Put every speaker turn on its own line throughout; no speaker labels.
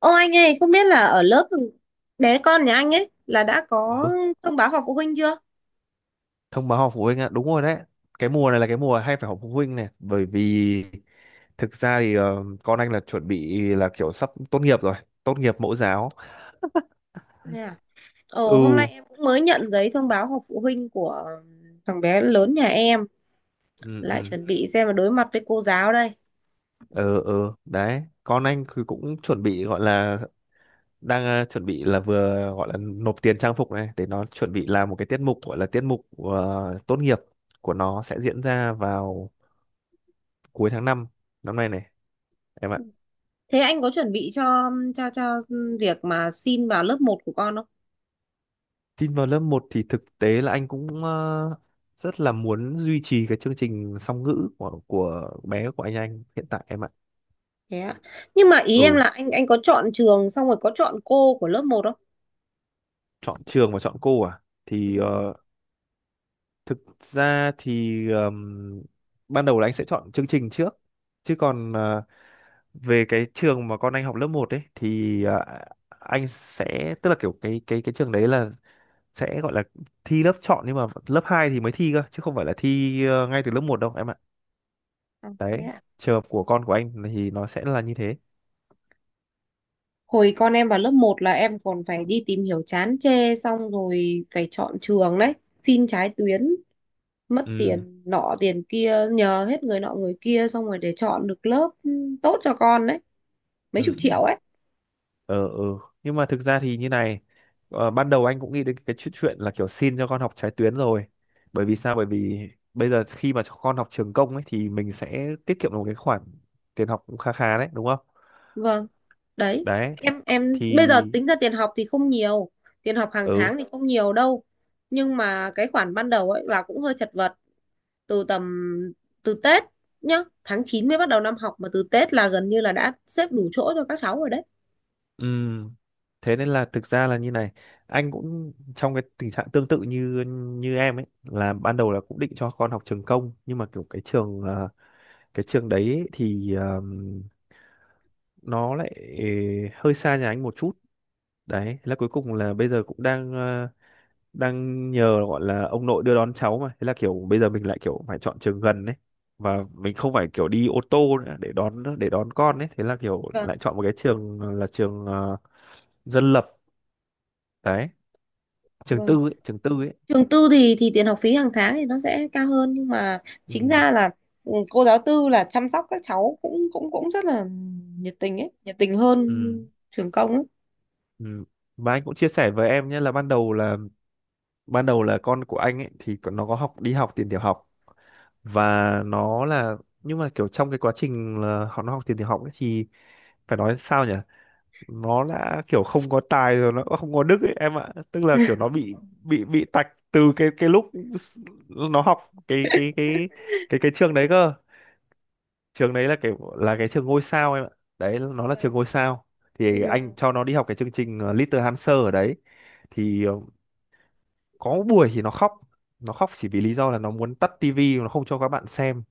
Ô anh ơi, không biết là ở lớp bé con nhà anh ấy là đã có
Ừ,
thông báo họp phụ huynh chưa?
thông báo họp phụ huynh ạ, đúng rồi đấy. Cái mùa này là cái mùa hay phải họp phụ huynh này, bởi vì thực ra thì con anh là chuẩn bị là kiểu sắp tốt nghiệp rồi, tốt nghiệp mẫu giáo.
Yeah. Ồ, hôm nay
Ừ,
em cũng mới nhận giấy thông báo họp phụ huynh của thằng bé lớn nhà em,
ừ,
lại
ừ,
chuẩn bị xem mà đối mặt với cô giáo đây.
ừ, ừ, đấy. Con anh thì cũng chuẩn bị gọi là đang chuẩn bị là vừa gọi là nộp tiền trang phục này để nó chuẩn bị làm một cái tiết mục gọi là tiết mục tốt nghiệp của nó sẽ diễn ra vào cuối tháng 5 năm nay này em ạ.
Thế anh có chuẩn bị cho việc mà xin vào lớp một của con không?
Tin vào lớp 1 thì thực tế là anh cũng rất là muốn duy trì cái chương trình song ngữ của bé của anh hiện tại em ạ.
Thế ạ. Nhưng mà ý em
Ừ,
là anh có chọn trường xong rồi có chọn cô của lớp một không?
chọn trường và chọn cô à? Thì
Vâng.
thực ra thì ban đầu là anh sẽ chọn chương trình trước. Chứ còn về cái trường mà con anh học lớp 1 ấy thì anh sẽ tức là kiểu cái trường đấy là sẽ gọi là thi lớp chọn nhưng mà lớp 2 thì mới thi cơ chứ không phải là thi ngay từ lớp 1 đâu em ạ.
À, thế
Đấy,
ạ.
trường hợp của con của anh thì nó sẽ là như thế.
Con em vào lớp một là em còn phải đi tìm hiểu chán chê xong rồi phải chọn trường đấy, xin trái tuyến, mất
Ừ,
tiền nọ tiền kia, nhờ hết người nọ người kia xong rồi để chọn được lớp tốt cho con đấy, mấy
ừ,
chục
ừ,
triệu ấy.
ờ ừ. Nhưng mà thực ra thì như này, ban đầu anh cũng nghĩ đến cái chuyện chuyện là kiểu xin cho con học trái tuyến rồi, bởi vì sao? Bởi vì bây giờ khi mà cho con học trường công ấy thì mình sẽ tiết kiệm được một cái khoản tiền học cũng khá khá đấy, đúng không?
Vâng. Đấy,
Đấy thì,
em
thì
bây giờ tính ra tiền học thì không nhiều, tiền học hàng
ừ,
tháng thì không nhiều đâu. Nhưng mà cái khoản ban đầu ấy là cũng hơi chật vật, từ tầm Tết nhá, tháng 9 mới bắt đầu năm học mà từ Tết là gần như là đã xếp đủ chỗ cho các cháu rồi
ừ, thế nên là thực ra là như này, anh cũng trong cái tình trạng tương tự như như em ấy, là ban đầu là cũng định cho con học trường công nhưng mà kiểu cái trường cái trường đấy thì nó lại hơi xa nhà anh một chút. Đấy, thế là cuối cùng là bây giờ cũng đang nhờ gọi là ông nội đưa đón cháu, mà thế là kiểu bây giờ mình lại kiểu phải chọn trường gần đấy và mình không phải kiểu đi ô tô nữa để đón con ấy, thế là kiểu
đấy.
lại chọn một cái trường là trường dân lập đấy, trường tư
Vâng.
ấy, trường tư ấy.
Trường tư thì tiền học phí hàng tháng thì nó sẽ cao hơn nhưng mà
Ừ.
chính ra là cô giáo tư là chăm sóc các cháu cũng cũng cũng rất là nhiệt tình ấy, nhiệt tình hơn
Ừ.
trường công ấy.
Ừ. Và anh cũng chia sẻ với em nhé, là ban đầu là con của anh ấy thì nó có học đi học tiền tiểu học và nó là, nhưng mà kiểu trong cái quá trình là họ nó học tiền tiểu học ấy thì phải nói sao nhỉ, nó đã kiểu không có tài rồi nó cũng không có đức ấy em ạ, tức là kiểu nó bị tạch từ cái lúc nó học cái cái cái cái trường đấy cơ, trường đấy là kiểu là cái trường ngôi sao em ạ, đấy nó là
Vâng.
trường ngôi sao. Thì anh
Vâng.
cho nó đi học cái chương trình Little Hamster ở đấy, thì có buổi thì nó khóc chỉ vì lý do là nó muốn tắt tivi, nó không cho các bạn xem,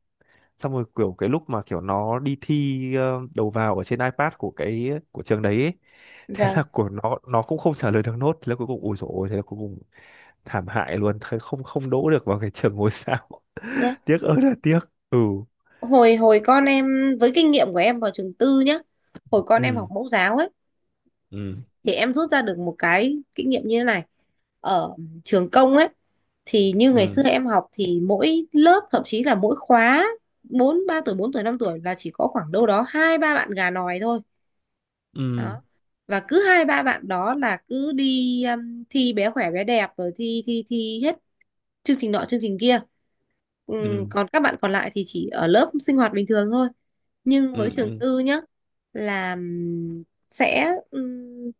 xong rồi kiểu cái lúc mà kiểu nó đi thi đầu vào ở trên iPad của trường đấy ấy, thế là
Vâng.
của nó cũng không trả lời được nốt, thế là cuối cùng ủi dồi ôi, thế là cuối cùng thảm hại luôn, thế không, không đỗ được vào cái trường ngôi sao.
Nhá.
Tiếc ơi là tiếc. Ừ,
Hồi hồi con em, với kinh nghiệm của em vào trường tư nhá. Hồi con em học
ừ,
mẫu giáo ấy
ừ,
thì em rút ra được một cái kinh nghiệm như thế này: ở trường công ấy thì như ngày xưa
ừ,
em học thì mỗi lớp, thậm chí là mỗi khóa bốn ba tuổi bốn tuổi năm tuổi, là chỉ có khoảng đâu đó hai ba bạn gà nòi thôi đó,
ừ,
và cứ hai ba bạn đó là cứ đi thi bé khỏe bé đẹp rồi thi thi thi hết chương trình nọ chương trình kia. Ừm,
ừ,
Còn các bạn còn lại thì chỉ ở lớp sinh hoạt bình thường thôi. Nhưng
ừ,
với trường
ừ,
tư nhá, là sẽ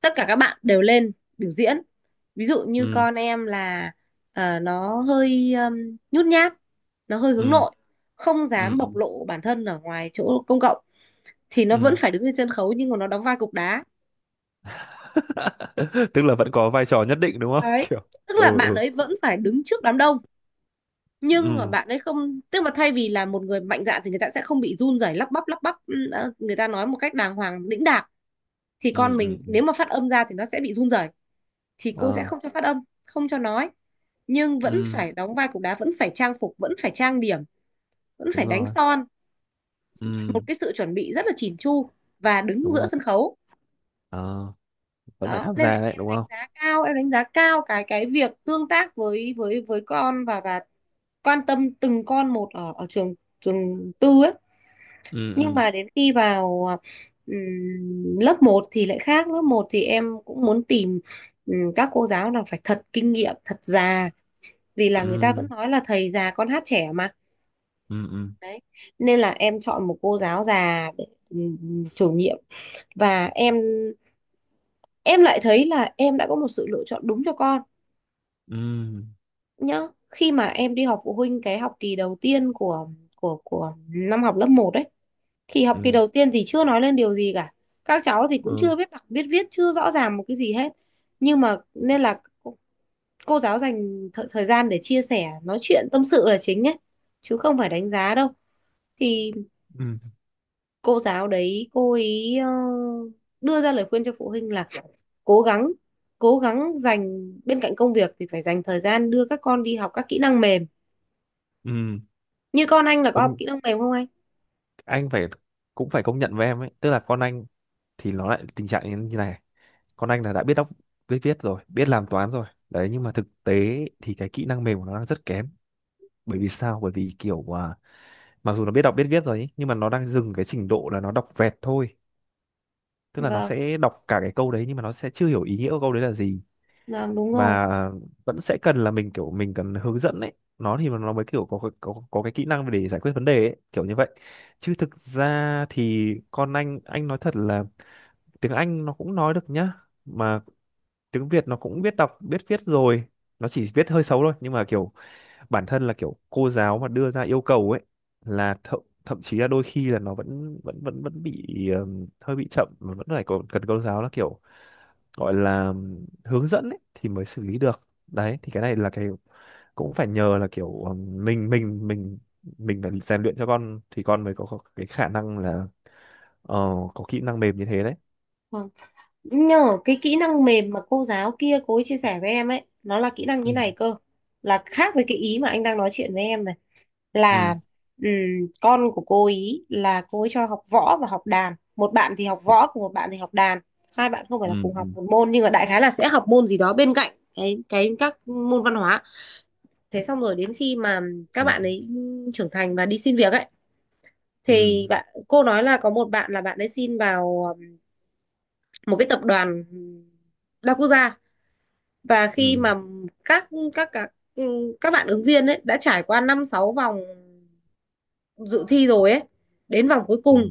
tất cả các bạn đều lên biểu diễn. Ví dụ như
ừ,
con em là nó hơi nhút nhát, nó hơi hướng
ừ,
nội, không
ừ,
dám
ừ,
bộc lộ bản thân ở ngoài chỗ công cộng, thì nó vẫn
ừ.
phải đứng trên sân khấu nhưng mà nó đóng vai cục đá.
Tức là vẫn có vai trò nhất định, đúng không?
Đấy,
Kiểu.
tức là
Ừ,
bạn
ừ,
ấy vẫn phải đứng trước đám đông, nhưng mà
ừ,
bạn ấy không, tức mà thay vì là một người mạnh dạn thì người ta sẽ không bị run rẩy, lắp bắp người ta nói một cách đàng hoàng đĩnh đạc, thì
ừ,
con
ừ,
mình
ừ.
nếu mà phát âm ra thì nó sẽ bị run rẩy, thì cô sẽ
Ờ,
không cho phát âm, không cho nói, nhưng vẫn
ừ,
phải đóng vai cục đá, vẫn phải trang phục, vẫn phải trang điểm, vẫn
đúng
phải đánh
rồi,
son,
ừ,
một cái sự chuẩn bị rất là chỉn chu và đứng
đúng
giữa
rồi.
sân khấu.
Ờ, vẫn phải
Đó
tham
nên
gia đấy,
em
đúng
đánh
không?
giá cao, em đánh giá cao cái việc tương tác với con và quan tâm từng con một ở ở trường, trường tư ấy.
Ừ,
Nhưng
ừ,
mà đến khi vào lớp một thì lại khác. Lớp một thì em cũng muốn tìm các cô giáo nào phải thật kinh nghiệm, thật già, vì là người ta vẫn
ừ,
nói là thầy già con hát trẻ mà.
ừ, ừ,
Đấy, nên là em chọn một cô giáo già để chủ nhiệm, và em lại thấy là em đã có một sự lựa chọn đúng cho con
ừ,
nhá. Khi mà em đi họp phụ huynh cái học kỳ đầu tiên của của năm học lớp một đấy, thì học kỳ
ừ,
đầu tiên thì chưa nói lên điều gì cả, các cháu thì cũng
ừ,
chưa biết đọc biết viết, chưa rõ ràng một cái gì hết, nhưng mà, nên là cô giáo dành thời gian để chia sẻ, nói chuyện, tâm sự là chính ấy, chứ không phải đánh giá đâu. Thì
ừ,
cô giáo đấy cô ấy đưa ra lời khuyên cho phụ huynh là cố gắng, dành bên cạnh công việc thì phải dành thời gian đưa các con đi học các kỹ năng mềm.
ừ.
Như con anh là có học
Công
kỹ năng mềm không anh?
anh phải cũng phải công nhận với em ấy, tức là con anh thì nó lại tình trạng như như này. Con anh là đã biết đọc biết viết rồi, biết làm toán rồi. Đấy, nhưng mà thực tế thì cái kỹ năng mềm của nó đang rất kém. Bởi vì sao? Bởi vì kiểu à, mặc dù nó biết đọc biết viết rồi ấy, nhưng mà nó đang dừng cái trình độ là nó đọc vẹt thôi. Tức là nó
Vâng,
sẽ đọc cả cái câu đấy nhưng mà nó sẽ chưa hiểu ý nghĩa của câu đấy là gì.
vâng, đúng rồi.
Và vẫn sẽ cần là mình cần hướng dẫn ấy, nó mới kiểu có cái kỹ năng để giải quyết vấn đề ấy, kiểu như vậy. Chứ thực ra thì con anh nói thật là tiếng Anh nó cũng nói được nhá, mà tiếng Việt nó cũng biết đọc biết viết rồi, nó chỉ viết hơi xấu thôi, nhưng mà kiểu bản thân là kiểu cô giáo mà đưa ra yêu cầu ấy, là thậm thậm chí là đôi khi là nó vẫn vẫn vẫn vẫn bị hơi bị chậm mà vẫn phải còn cần cô giáo là kiểu gọi là hướng dẫn ấy, thì mới xử lý được. Đấy thì cái này là cái cũng phải nhờ là kiểu mình phải rèn luyện cho con thì con mới có cái khả năng là ờ, có kỹ năng mềm như thế đấy.
Vâng. Nhờ cái kỹ năng mềm mà cô giáo kia cô ấy chia sẻ với em ấy, nó là kỹ năng
Ừ,
như này cơ, là khác với cái ý mà anh đang nói chuyện với em này,
ừ.
là ừm, con của cô ý, là cô ấy cho học võ và học đàn, một bạn thì học
Đấy.
võ còn một bạn thì học đàn, hai bạn không phải
Ừ,
là cùng
ừ,
học một môn nhưng mà đại khái là sẽ học môn gì đó bên cạnh cái các môn văn hóa. Thế xong rồi đến khi mà các
ừ,
bạn ấy trưởng thành và đi xin việc ấy,
ừ,
thì bạn cô nói là có một bạn là bạn ấy xin vào một cái tập đoàn đa quốc gia, và khi
ừ,
mà các các các các bạn ứng viên ấy đã trải qua năm sáu vòng dự thi rồi ấy, đến vòng cuối
ừ,
cùng,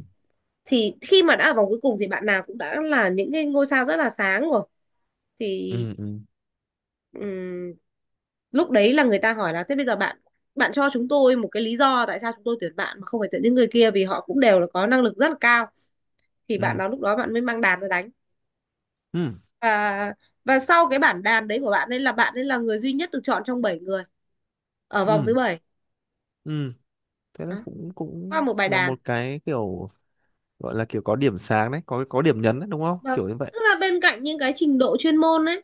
thì khi mà đã ở vòng cuối cùng thì bạn nào cũng đã là những cái ngôi sao rất là sáng rồi, thì
ừ, ừ,
ừm, lúc đấy là người ta hỏi là thế bây giờ bạn bạn cho chúng tôi một cái lý do tại sao chúng tôi tuyển bạn mà không phải tuyển những người kia, vì họ cũng đều là có năng lực rất là cao. Thì bạn
ừ,
nào lúc đó bạn mới mang đàn ra đánh,
ừ,
và sau cái bản đàn đấy của bạn ấy là người duy nhất được chọn trong 7 người ở vòng thứ
ừ,
bảy.
ừ. Thế là
Đó,
cũng
qua
cũng
một bài
là
đàn.
một cái kiểu gọi là kiểu có điểm sáng đấy, có điểm nhấn đấy, đúng không,
và
kiểu như vậy.
Tức là bên cạnh những cái trình độ chuyên môn ấy,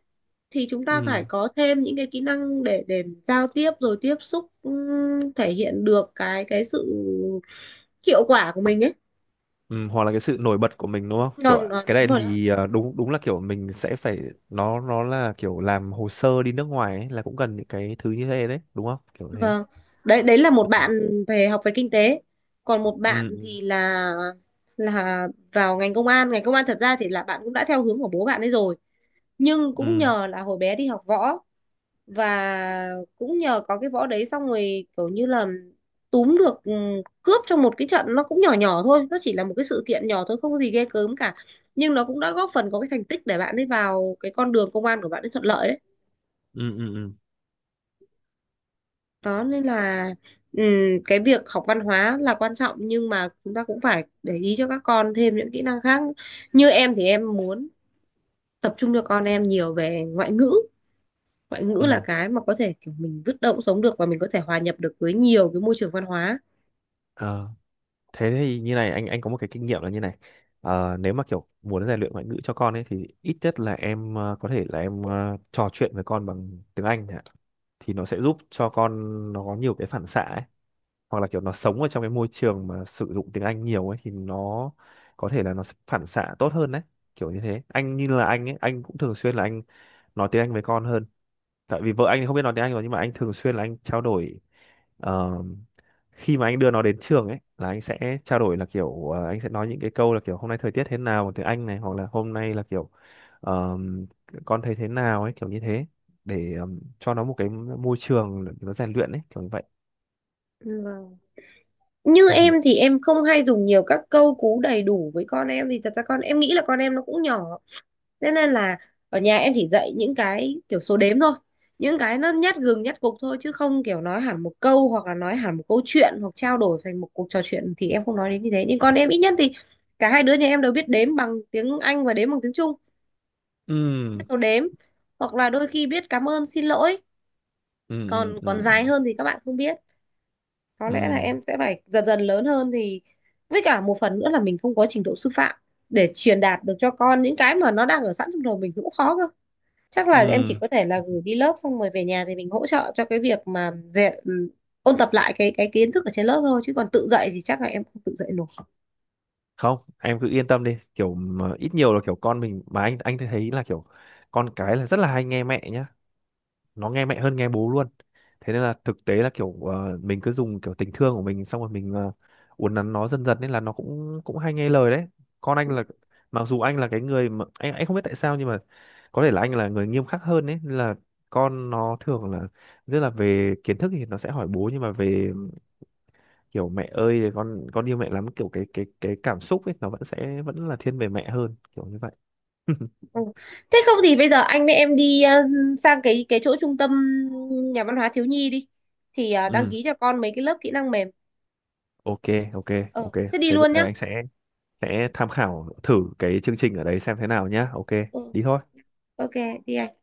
thì chúng ta phải
Ừ.
có thêm những cái kỹ năng để giao tiếp rồi tiếp xúc, thể hiện được cái sự hiệu quả của mình ấy.
Ừ, hoặc là cái sự nổi bật của mình, đúng không kiểu
Vâng
à,
đó,
cái
đúng
này
rồi đó.
thì đúng, đúng là kiểu mình sẽ phải, nó là kiểu làm hồ sơ đi nước ngoài ấy, là cũng cần những cái thứ như thế đấy, đúng không kiểu thế.
Vâng, đấy đấy là một
Ừ,
bạn về học về kinh tế, còn một bạn
ừ,
thì là vào ngành công an. Ngành công an thật ra thì là bạn cũng đã theo hướng của bố bạn ấy rồi, nhưng cũng
ừ,
nhờ là hồi bé đi học võ, và cũng nhờ có cái võ đấy xong rồi kiểu như là túm được cướp trong một cái trận, nó cũng nhỏ nhỏ thôi, nó chỉ là một cái sự kiện nhỏ thôi, không có gì ghê gớm cả. Nhưng nó cũng đã góp phần có cái thành tích để bạn ấy vào cái con đường công an của bạn ấy thuận lợi đấy.
ừ, ừ, ừ, ừ.
Đó nên là cái việc học văn hóa là quan trọng, nhưng mà chúng ta cũng phải để ý cho các con thêm những kỹ năng khác. Như em thì em muốn tập trung cho con em nhiều về ngoại ngữ. Ngoại ngữ là
Ừ.
cái mà có thể kiểu mình bứt động sống được, và mình có thể hòa nhập được với nhiều cái môi trường văn hóa.
Ờ. Thế thì như này anh có một cái kinh nghiệm là như này. Ờ, nếu mà kiểu muốn rèn luyện ngoại ngữ cho con ấy thì ít nhất là em có thể là em trò chuyện với con bằng tiếng Anh chẳng hạn. Thì nó sẽ giúp cho con, nó có nhiều cái phản xạ ấy, hoặc là kiểu nó sống ở trong cái môi trường mà sử dụng tiếng Anh nhiều ấy thì nó có thể là nó sẽ phản xạ tốt hơn đấy, kiểu như thế. Anh, như là anh cũng thường xuyên là anh nói tiếng Anh với con hơn, tại vì vợ anh thì không biết nói tiếng Anh rồi nhưng mà anh thường xuyên là anh trao đổi ờ, khi mà anh đưa nó đến trường ấy là anh sẽ trao đổi là kiểu anh sẽ nói những cái câu là kiểu hôm nay thời tiết thế nào bằng tiếng Anh này, hoặc là hôm nay là kiểu ờ, con thấy thế nào ấy, kiểu như thế, để cho nó một cái môi trường để nó rèn luyện ấy, kiểu như vậy.
Vâng. Như
Ừ,
em thì em không hay dùng nhiều các câu cú đầy đủ với con em, vì thật ra con em, nghĩ là con em nó cũng nhỏ, thế nên là ở nhà em chỉ dạy những cái kiểu số đếm thôi, những cái nó nhát gừng nhát cục thôi, chứ không kiểu nói hẳn một câu hoặc là nói hẳn một câu chuyện, hoặc trao đổi thành một cuộc trò chuyện thì em không nói đến như thế. Nhưng con em ít nhất thì cả hai đứa nhà em đều biết đếm bằng tiếng Anh và đếm bằng tiếng Trung, biết
ừ,
số đếm, hoặc là đôi khi biết cảm ơn xin lỗi,
ừ, ừ,
còn
ừ,
còn dài hơn thì các bạn không biết. Có
ừ,
lẽ là em sẽ phải dần dần, lớn hơn thì, với cả một phần nữa là mình không có trình độ sư phạm để truyền đạt được cho con những cái mà nó đang ở sẵn trong đầu mình cũng khó cơ. Chắc là em
ừ.
chỉ có thể là gửi đi lớp xong rồi về nhà thì mình hỗ trợ cho cái việc mà dạy, ôn tập lại cái kiến thức ở trên lớp thôi, chứ còn tự dạy thì chắc là em không tự dạy nổi.
Không, em cứ yên tâm đi, kiểu mà ít nhiều là kiểu con mình, mà anh thấy là kiểu con cái là rất là hay nghe mẹ nhá, nó nghe mẹ hơn nghe bố luôn. Thế nên là thực tế là kiểu mình cứ dùng kiểu tình thương của mình xong rồi mình uốn nắn nó dần dần nên là nó cũng cũng hay nghe lời đấy. Con anh là, mặc dù anh là cái người mà anh không biết tại sao, nhưng mà có thể là anh là người nghiêm khắc hơn đấy, nên là con nó thường là rất là, về kiến thức thì nó sẽ hỏi bố, nhưng mà về kiểu mẹ ơi con yêu mẹ lắm, kiểu cái cảm xúc ấy nó vẫn sẽ là thiên về mẹ hơn, kiểu như vậy.
Ừ. Thế không thì bây giờ anh với em đi sang cái chỗ trung tâm nhà văn hóa thiếu nhi đi, thì đăng
Ừ.
ký cho con mấy cái lớp kỹ năng mềm.
OK, OK,
Ờ
OK.
thế đi
Thế bây
luôn
giờ
nhá.
anh sẽ tham khảo thử cái chương trình ở đấy xem thế nào nhá. OK,
Ừ.
đi thôi
OK. Đi anh.